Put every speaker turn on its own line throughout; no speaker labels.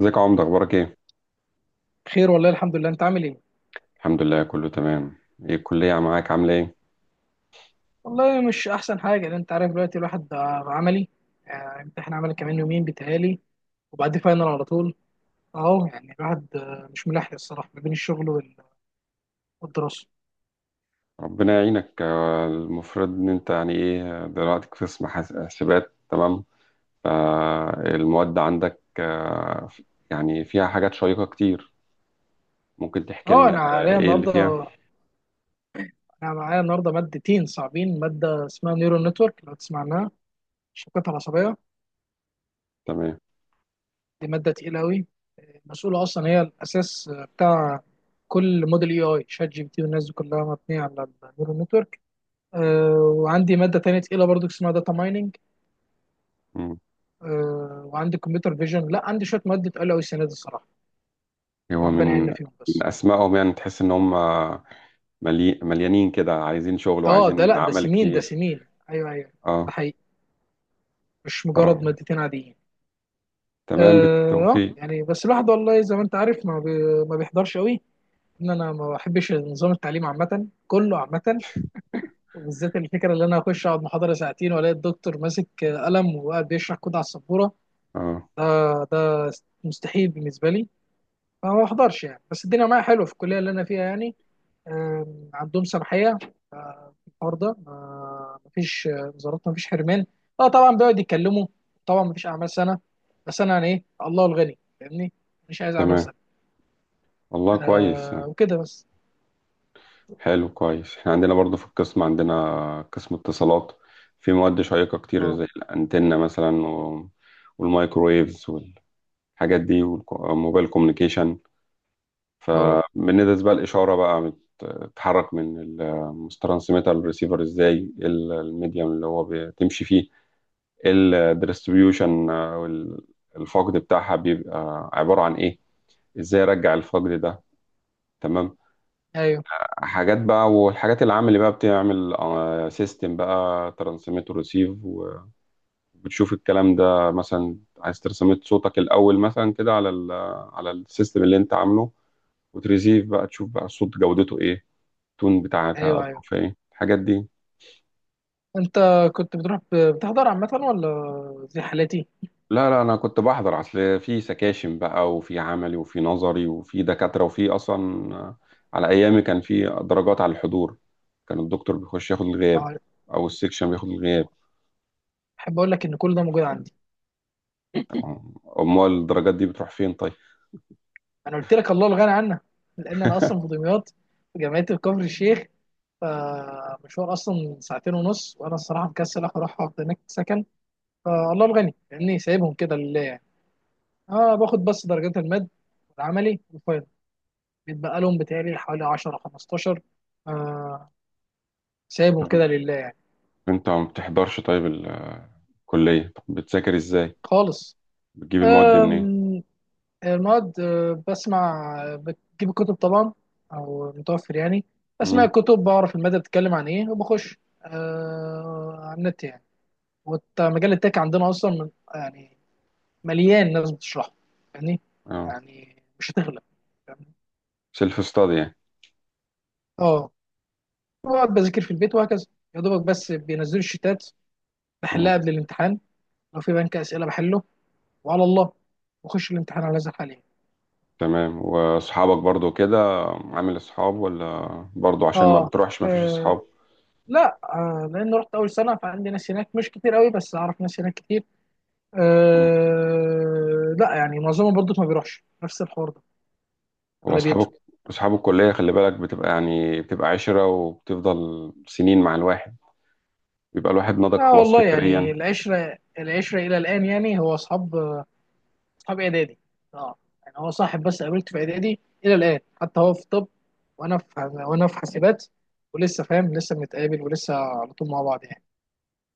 ازيك يا عمده، اخبارك ايه؟
خير والله الحمد لله. انت عامل ايه؟
الحمد لله، كله تمام. ايه الكليه معاك، عامله ايه؟
والله مش احسن حاجه، لان انت عارف دلوقتي الواحد بقى عملي. امتحان عملي كمان يومين بيتهيألي، وبعد فاينل على طول. اهو يعني الواحد مش ملاحق الصراحه ما بين الشغل والدراسه.
ربنا يعينك. المفروض ان انت يعني ايه دلوقتي في قسم حاسبات، تمام. فالمواد عندك، يعني فيها حاجات شيقه كتير. ممكن تحكي
اه،
لنا
انا عليا
ايه اللي فيها؟
النهارده، انا معايا النهارده مادتين صعبين. ماده اسمها نيورال نتورك، لو تسمع عنها، الشبكات العصبيه.
تمام.
دي ماده تقيله قوي، مسؤوله اصلا، هي الاساس بتاع كل موديل اي اي، شات جي بي تي والناس دي كلها مبنيه على النيورال نتورك. آه، وعندي ماده تانية تقيله برضو اسمها داتا مايننج.
مم.
وعندي كمبيوتر فيجن. لا، عندي شويه مواد اتقال قوي السنه دي الصراحه،
هو
ربنا
من
يعيننا فيهم
من
بس.
اسمائهم يعني تحس ان هم مليانين كده، عايزين شغل
اه ده،
وعايزين
لا ده
عمل
سنين، ده
كتير.
سنين. ايوه، ايوه. ده
اه
حقيقي، مش مجرد
طبعا.
مادتين عاديين. اه.
تمام، بالتوفيق.
يعني بس الواحد والله زي ما انت عارف ما بيحضرش قوي. ان انا ما بحبش نظام التعليم عامه، كله عامه. وبالذات الفكره اللي انا اخش اقعد محاضره ساعتين والاقي الدكتور ماسك قلم وقاعد بيشرح كود على السبوره،
اه
ده ده مستحيل بالنسبه لي. فما بحضرش يعني. بس الدنيا معايا حلوه في الكليه اللي انا فيها يعني. عندهم سماحيه في الحوار ده. ما مفيش وزارات، مفيش حرمان. اه طبعا بيقعد يتكلموا، طبعا مفيش اعمال سنه. بس انا يعني ايه، الله الغني، فاهمني. مش عايز اعمال
تمام،
سنه.
والله كويس.
وكده بس.
حلو، كويس. احنا عندنا برضو في القسم، عندنا قسم اتصالات، في مواد شيقة كتير
اه.
زي الأنتنة مثلا والمايكرويفز والحاجات دي والموبايل كوميونيكيشن.
اه.
فبندرس بقى الإشارة، بقى بتتحرك من الترانسميتر للريسيفر ازاي، إيه الميديم اللي هو بتمشي فيه، إيه الديستريبيوشن، الفقد بتاعها بيبقى عبارة عن ايه، ازاي ارجع الفقد ده. تمام.
ايوه،
حاجات بقى، والحاجات العام اللي بقى بتعمل سيستم بقى ترانسميت وريسيف، وبتشوف الكلام ده. مثلا عايز ترسميت صوتك الأول مثلا كده على على السيستم اللي انت عامله، وتريسيف بقى تشوف بقى الصوت جودته ايه، التون بتاعتها
ايوه، ايوه.
ظروفها ايه، الحاجات دي.
انت كنت بتروح بتحضر عامه ولا زي حالاتي؟
لا لا، انا كنت بحضر، اصل في سكاشن بقى وفي عملي وفي نظري وفي دكاترة وفي اصلا، على ايامي كان في درجات على الحضور. كان الدكتور بيخش ياخد الغياب
آه،
او السكشن بياخد الغياب.
احب اقول لك ان كل ده موجود عندي.
امال الدرجات دي بتروح فين طيب؟
انا قلت لك الله الغني عنها، لان انا اصلا في دمياط، في جامعه كفر الشيخ. فمشوار اصلا ساعتين ونص، وانا الصراحه مكسل اروح اقعد هناك سكن. فالله الغني، لاني سايبهم كده لله يعني. اه، باخد بس درجات المد والعملي والفاينل، بيتبقى لهم بتهيألي حوالي 10 15. آه سايبهم
طب
كده لله يعني.
انت ما بتحضرش، طيب الكلية طب بتذاكر ازاي؟
خالص.
بتجيب المواد دي
آه
منين؟
المواد بسمع، بجيب الكتب طبعا، او متوفر يعني. بسمع
امم.
الكتب، بعرف المادة بتتكلم عن ايه، وبخش على النت يعني. ومجال التك عندنا اصلا من يعني، مليان ناس بتشرحه يعني.
اه،
يعني مش هتغلب، فاهمني؟
سيلف ستادي يعني.
اه، بقعد بذاكر في البيت وهكذا. يا دوبك بس بينزلوا الشتات، بحلها
مم.
قبل الامتحان. لو في بنك اسئله بحله، وعلى الله، واخش الامتحان على هذا الحال يعني.
تمام، واصحابك برضو كده؟ عامل اصحاب ولا برضو عشان ما
اه.
بتروحش ما فيش
آه.
اصحاب؟
لا، لان رحت اول سنه، فعندي ناس هناك مش كتير قوي، بس اعرف ناس هناك كتير.
مم.
أه لا، يعني معظمهم برضه ما بيروحش، نفس الحوار ده.
هو
اغلبيته.
اصحابك، اصحاب الكلية، خلي بالك، بتبقى يعني بتبقى عشرة وبتفضل سنين مع الواحد، بيبقى الواحد نضج
اه
خلاص
والله
فكريا.
يعني، العشره العشره الى الان. يعني هو اصحاب، اصحاب اعدادي. اه. يعني هو صاحب بس قابلته في اعدادي، الى الان. حتى هو في طب وانا في حاسبات. ولسه فاهم، لسه بنتقابل ولسه على طول مع بعض يعني.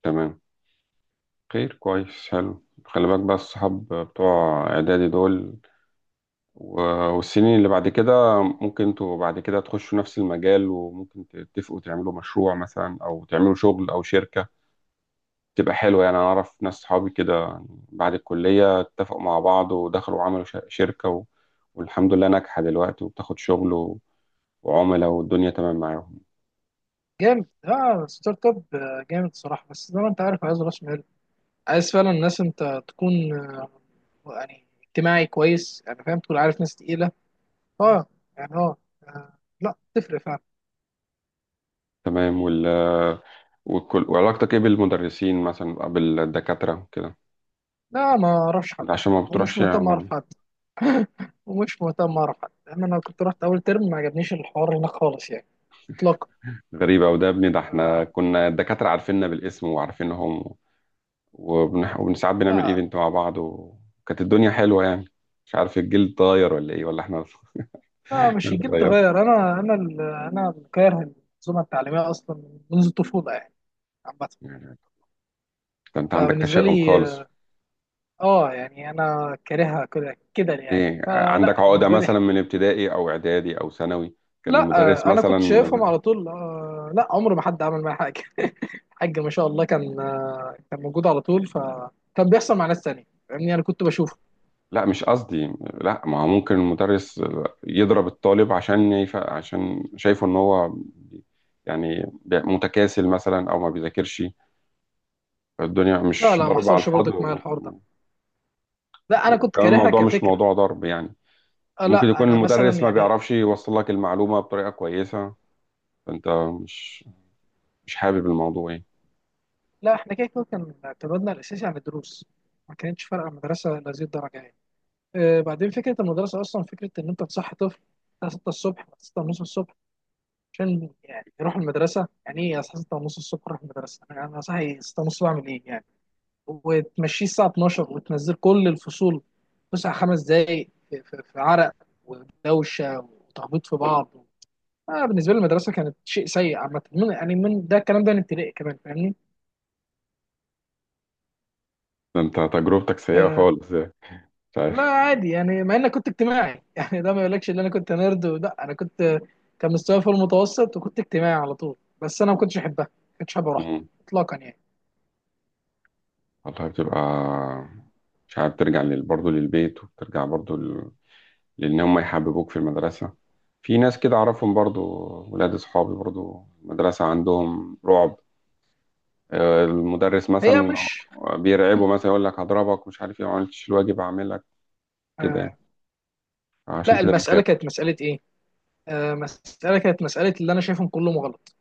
تمام، خير كويس، حلو. خلي بالك بقى، الصحاب بتوع اعدادي دول و- والسنين اللي بعد كده، ممكن انتوا بعد كده تخشوا نفس المجال، وممكن تتفقوا تعملوا مشروع مثلا او تعملوا شغل او شركة تبقى حلوة. يعني انا اعرف ناس، صحابي كده يعني بعد الكلية اتفقوا مع بعض ودخلوا وعملوا شركة والحمد لله ناجحة دلوقتي، وبتاخد شغل وعملاء، والدنيا تمام معاهم.
جامد، اه. ستارت اب، جامد صراحه. بس زي ما انت عارف، عايز راس مال، عايز فعلا ناس، انت تكون يعني اجتماعي كويس، يعني فاهم، تكون عارف ناس تقيلة. اه، يعني اه. لا تفرق فعلا.
تمام. وعلاقتك ايه بالمدرسين مثلا أو بالدكاترة كده؟
لا، ما اعرفش حد
عشان ما
ومش
بتروحش
مهتم
يعني.
اعرف حد. ومش مهتم اعرف حد، لان انا كنت رحت اول ترم ما عجبنيش الحوار هناك خالص يعني، اطلاقا.
غريبة، وده يا ابني، ده احنا
آه،
كنا الدكاترة عارفيننا بالاسم وعارفينهم، وساعات بنعمل
لا،
ايفنت مع بعض، وكانت الدنيا حلوه يعني. مش عارف الجيل اتغير ولا ايه، ولا احنا
لا، مش
اللي
الجيل
اتغيرنا
تغير. انا انا اللي كاره المنظومة التعليمية اصلا منذ الطفولة يعني، عامة.
يعني. ده انت عندك
فبالنسبة
تشاؤم
لي،
خالص.
اه، يعني انا كارهها كده كده يعني.
ايه، عندك
فلا
عقده
بالنسبة لي.
مثلا من ابتدائي او اعدادي او ثانوي؟ كان
لا.
المدرس
انا
مثلا؟
كنت شايفهم على طول لا عمر ما حد عمل معايا حاجه الحاج ما شاء الله كان كان موجود على طول، فكان بيحصل مع ناس تانية، فاهمني، انا كنت بشوفه.
لا مش قصدي. لا ما هو ممكن المدرس يضرب الطالب، عشان شايفه ان هو يعني متكاسل مثلا او ما بيذاكرش. الدنيا
لا،
مش
لا، ما
ضرب على
حصلش
الفاضي،
برضك معايا الحوار ده. لا، انا كنت
وكمان
كارهها
الموضوع مش
كفكره.
موضوع ضرب يعني. ممكن
لا،
يكون
انا مثلا
المدرس ما
يعني.
بيعرفش يوصل لك المعلومة بطريقة كويسة، فأنت مش مش حابب الموضوع يعني.
لا، احنا كده كده كان اعتمادنا الاساسي على الدروس، ما كانتش فارقه المدرسه لهذه الدرجه يعني. بعدين فكره المدرسه اصلا، فكره ان انت تصحي طفل الساعه 6 الصبح، 6 ونص الصبح، عشان يعني يروح المدرسه. يعني ايه الساعه 6 ونص الصبح اروح المدرسه؟ انا صاحي 6 ونص بعمل ايه يعني؟ وتمشيه الساعه 12، وتنزل كل الفصول فسحه 5 دقائق، في عرق ودوشه وتخبيط في بعض. بالنسبه لي المدرسه كانت شيء سيء عامه، من ده، الكلام ده من ابتدائي كمان، فاهمني.
فأنت تجربتك سيئة
آه
خالص يعني. مش
لا
عارف.
عادي يعني، مع اني كنت اجتماعي يعني. ده ما يقولكش ان انا كنت نيرد، لا، انا كنت، كان مستواي في المتوسط، وكنت اجتماعي على طول. بس انا ما كنتش احبها، ما كنتش حابب اروح
مم.
اطلاقا يعني.
والله بتبقى مش عارف ترجع برضه للبيت، وبترجع برضه لأن هم يحببوك في المدرسة. في ناس كده أعرفهم، برضه ولاد أصحابي، برضه المدرسة عندهم رعب. المدرس
هي
مثلا
مش…
بيرعبه، مثلا يقول لك هضربك، مش عارف ايه، ما عملتش الواجب هعمل لك كده
آه
يعني. عشان
لا،
كده
المساله
بيخاف.
كانت مساله ايه، مساله كانت مساله، اللي انا شايفهم كلهم غلط،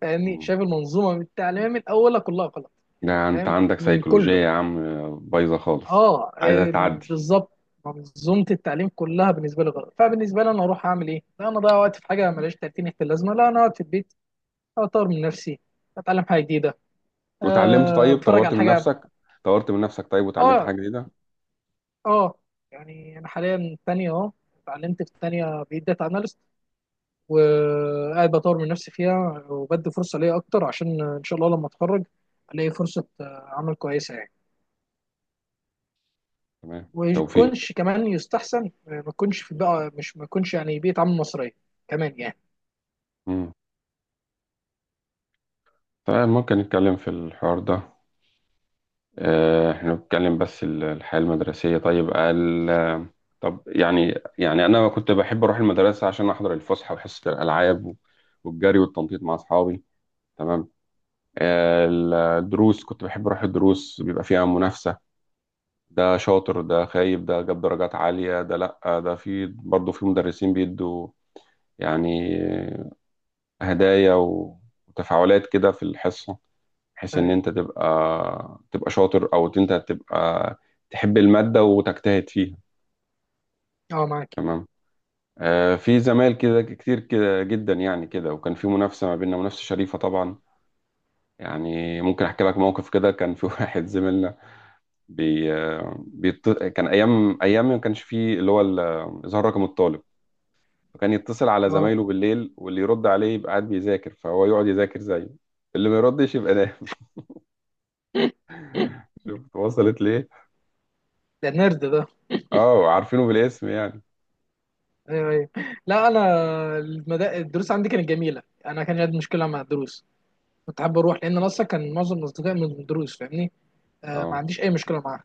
فاهمني. شايف المنظومه التعليميه من اولها كلها غلط يعني،
ده انت
فاهم
عندك
من
سيكولوجية
كله.
يا عم، بايظة خالص،
اه
عايزة تعدي.
بالظبط. منظومه التعليم كلها بالنسبه لي غلط. فبالنسبه لي، انا اروح اعمل ايه؟ لا، انا اضيع وقت في حاجه ملهاش 30 في اللازمه؟ لا، انا اقعد في البيت اطور من نفسي، اتعلم حاجه جديده،
وتعلمت طيب؟
اتفرج
طورت
على
من
حاجه.
نفسك طورت من نفسك طيب وتعلمت
اه.
حاجة جديدة؟
اه. يعني انا حاليا تانية اهو، اتعلمت في التانية، بقيت داتا اناليست. وقاعد بطور من نفسي فيها، وبدي فرصه ليا اكتر، عشان ان شاء الله لما اتخرج الاقي فرصه عمل كويسه يعني.
تمام، توفيق.
ويكونش كمان يستحسن ما يكونش في بقى، مش ما يكونش يعني بيئة عمل مصرية كمان يعني.
مم. طيب، ممكن نتكلم في الحوار ده. احنا بنتكلم بس الحياة المدرسية. طيب طب يعني انا كنت بحب اروح المدرسة عشان احضر الفسحة وحصة الالعاب والجري والتنطيط مع اصحابي. تمام. آه، الدروس كنت بحب اروح الدروس، بيبقى فيها منافسة. ده شاطر، ده خايب، ده جاب درجات عالية، ده لأ، ده في برضه، في مدرسين بيدوا يعني هدايا وتفاعلات كده في الحصة، بحيث إن
اه.
أنت تبقى شاطر، أو أنت تبقى تحب المادة وتجتهد فيها.
معاك.
تمام. في زمايل كده كتير كده جدا يعني كده، وكان في منافسة ما بيننا، منافسة شريفة طبعا. يعني ممكن أحكي لك موقف، كده كان في واحد زميلنا، كان أيام ما كانش فيه اللي هو إظهار رقم الطالب، فكان يتصل على
اه
زمايله بالليل، واللي يرد عليه يبقى قاعد بيذاكر، فهو يقعد يذاكر زيه، اللي ما يردش يبقى نايم. شفت وصلت ليه؟
ده نرد ده.
اه، عارفينه بالاسم يعني.
ايوه، ايوه. لا انا، الدروس عندي كانت جميله. انا كان عندي مشكله مع الدروس، كنت حابب اروح، لان انا اصلا كان معظم اصدقائي من الدروس، فاهمني. ما
اه،
عنديش اي مشكله معاها.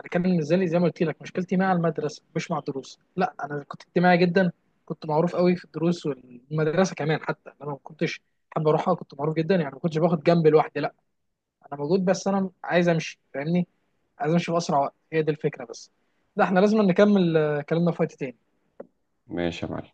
انا كان بالنسبه لي زي ما قلت لك مشكلتي مع المدرسه، مش مع الدروس. لا، انا كنت اجتماعي جدا، كنت معروف قوي في الدروس والمدرسه كمان، حتى انا ما كنتش حابب اروحها، كنت معروف جدا يعني. ما كنتش باخد جنب لوحدي، لا، انا موجود، بس انا عايز امشي، فاهمني، عايز امشي باسرع وقت. هي دي الفكره بس. ده احنا لازم نكمل كلامنا في وقت تاني.
ماشي يا معلم.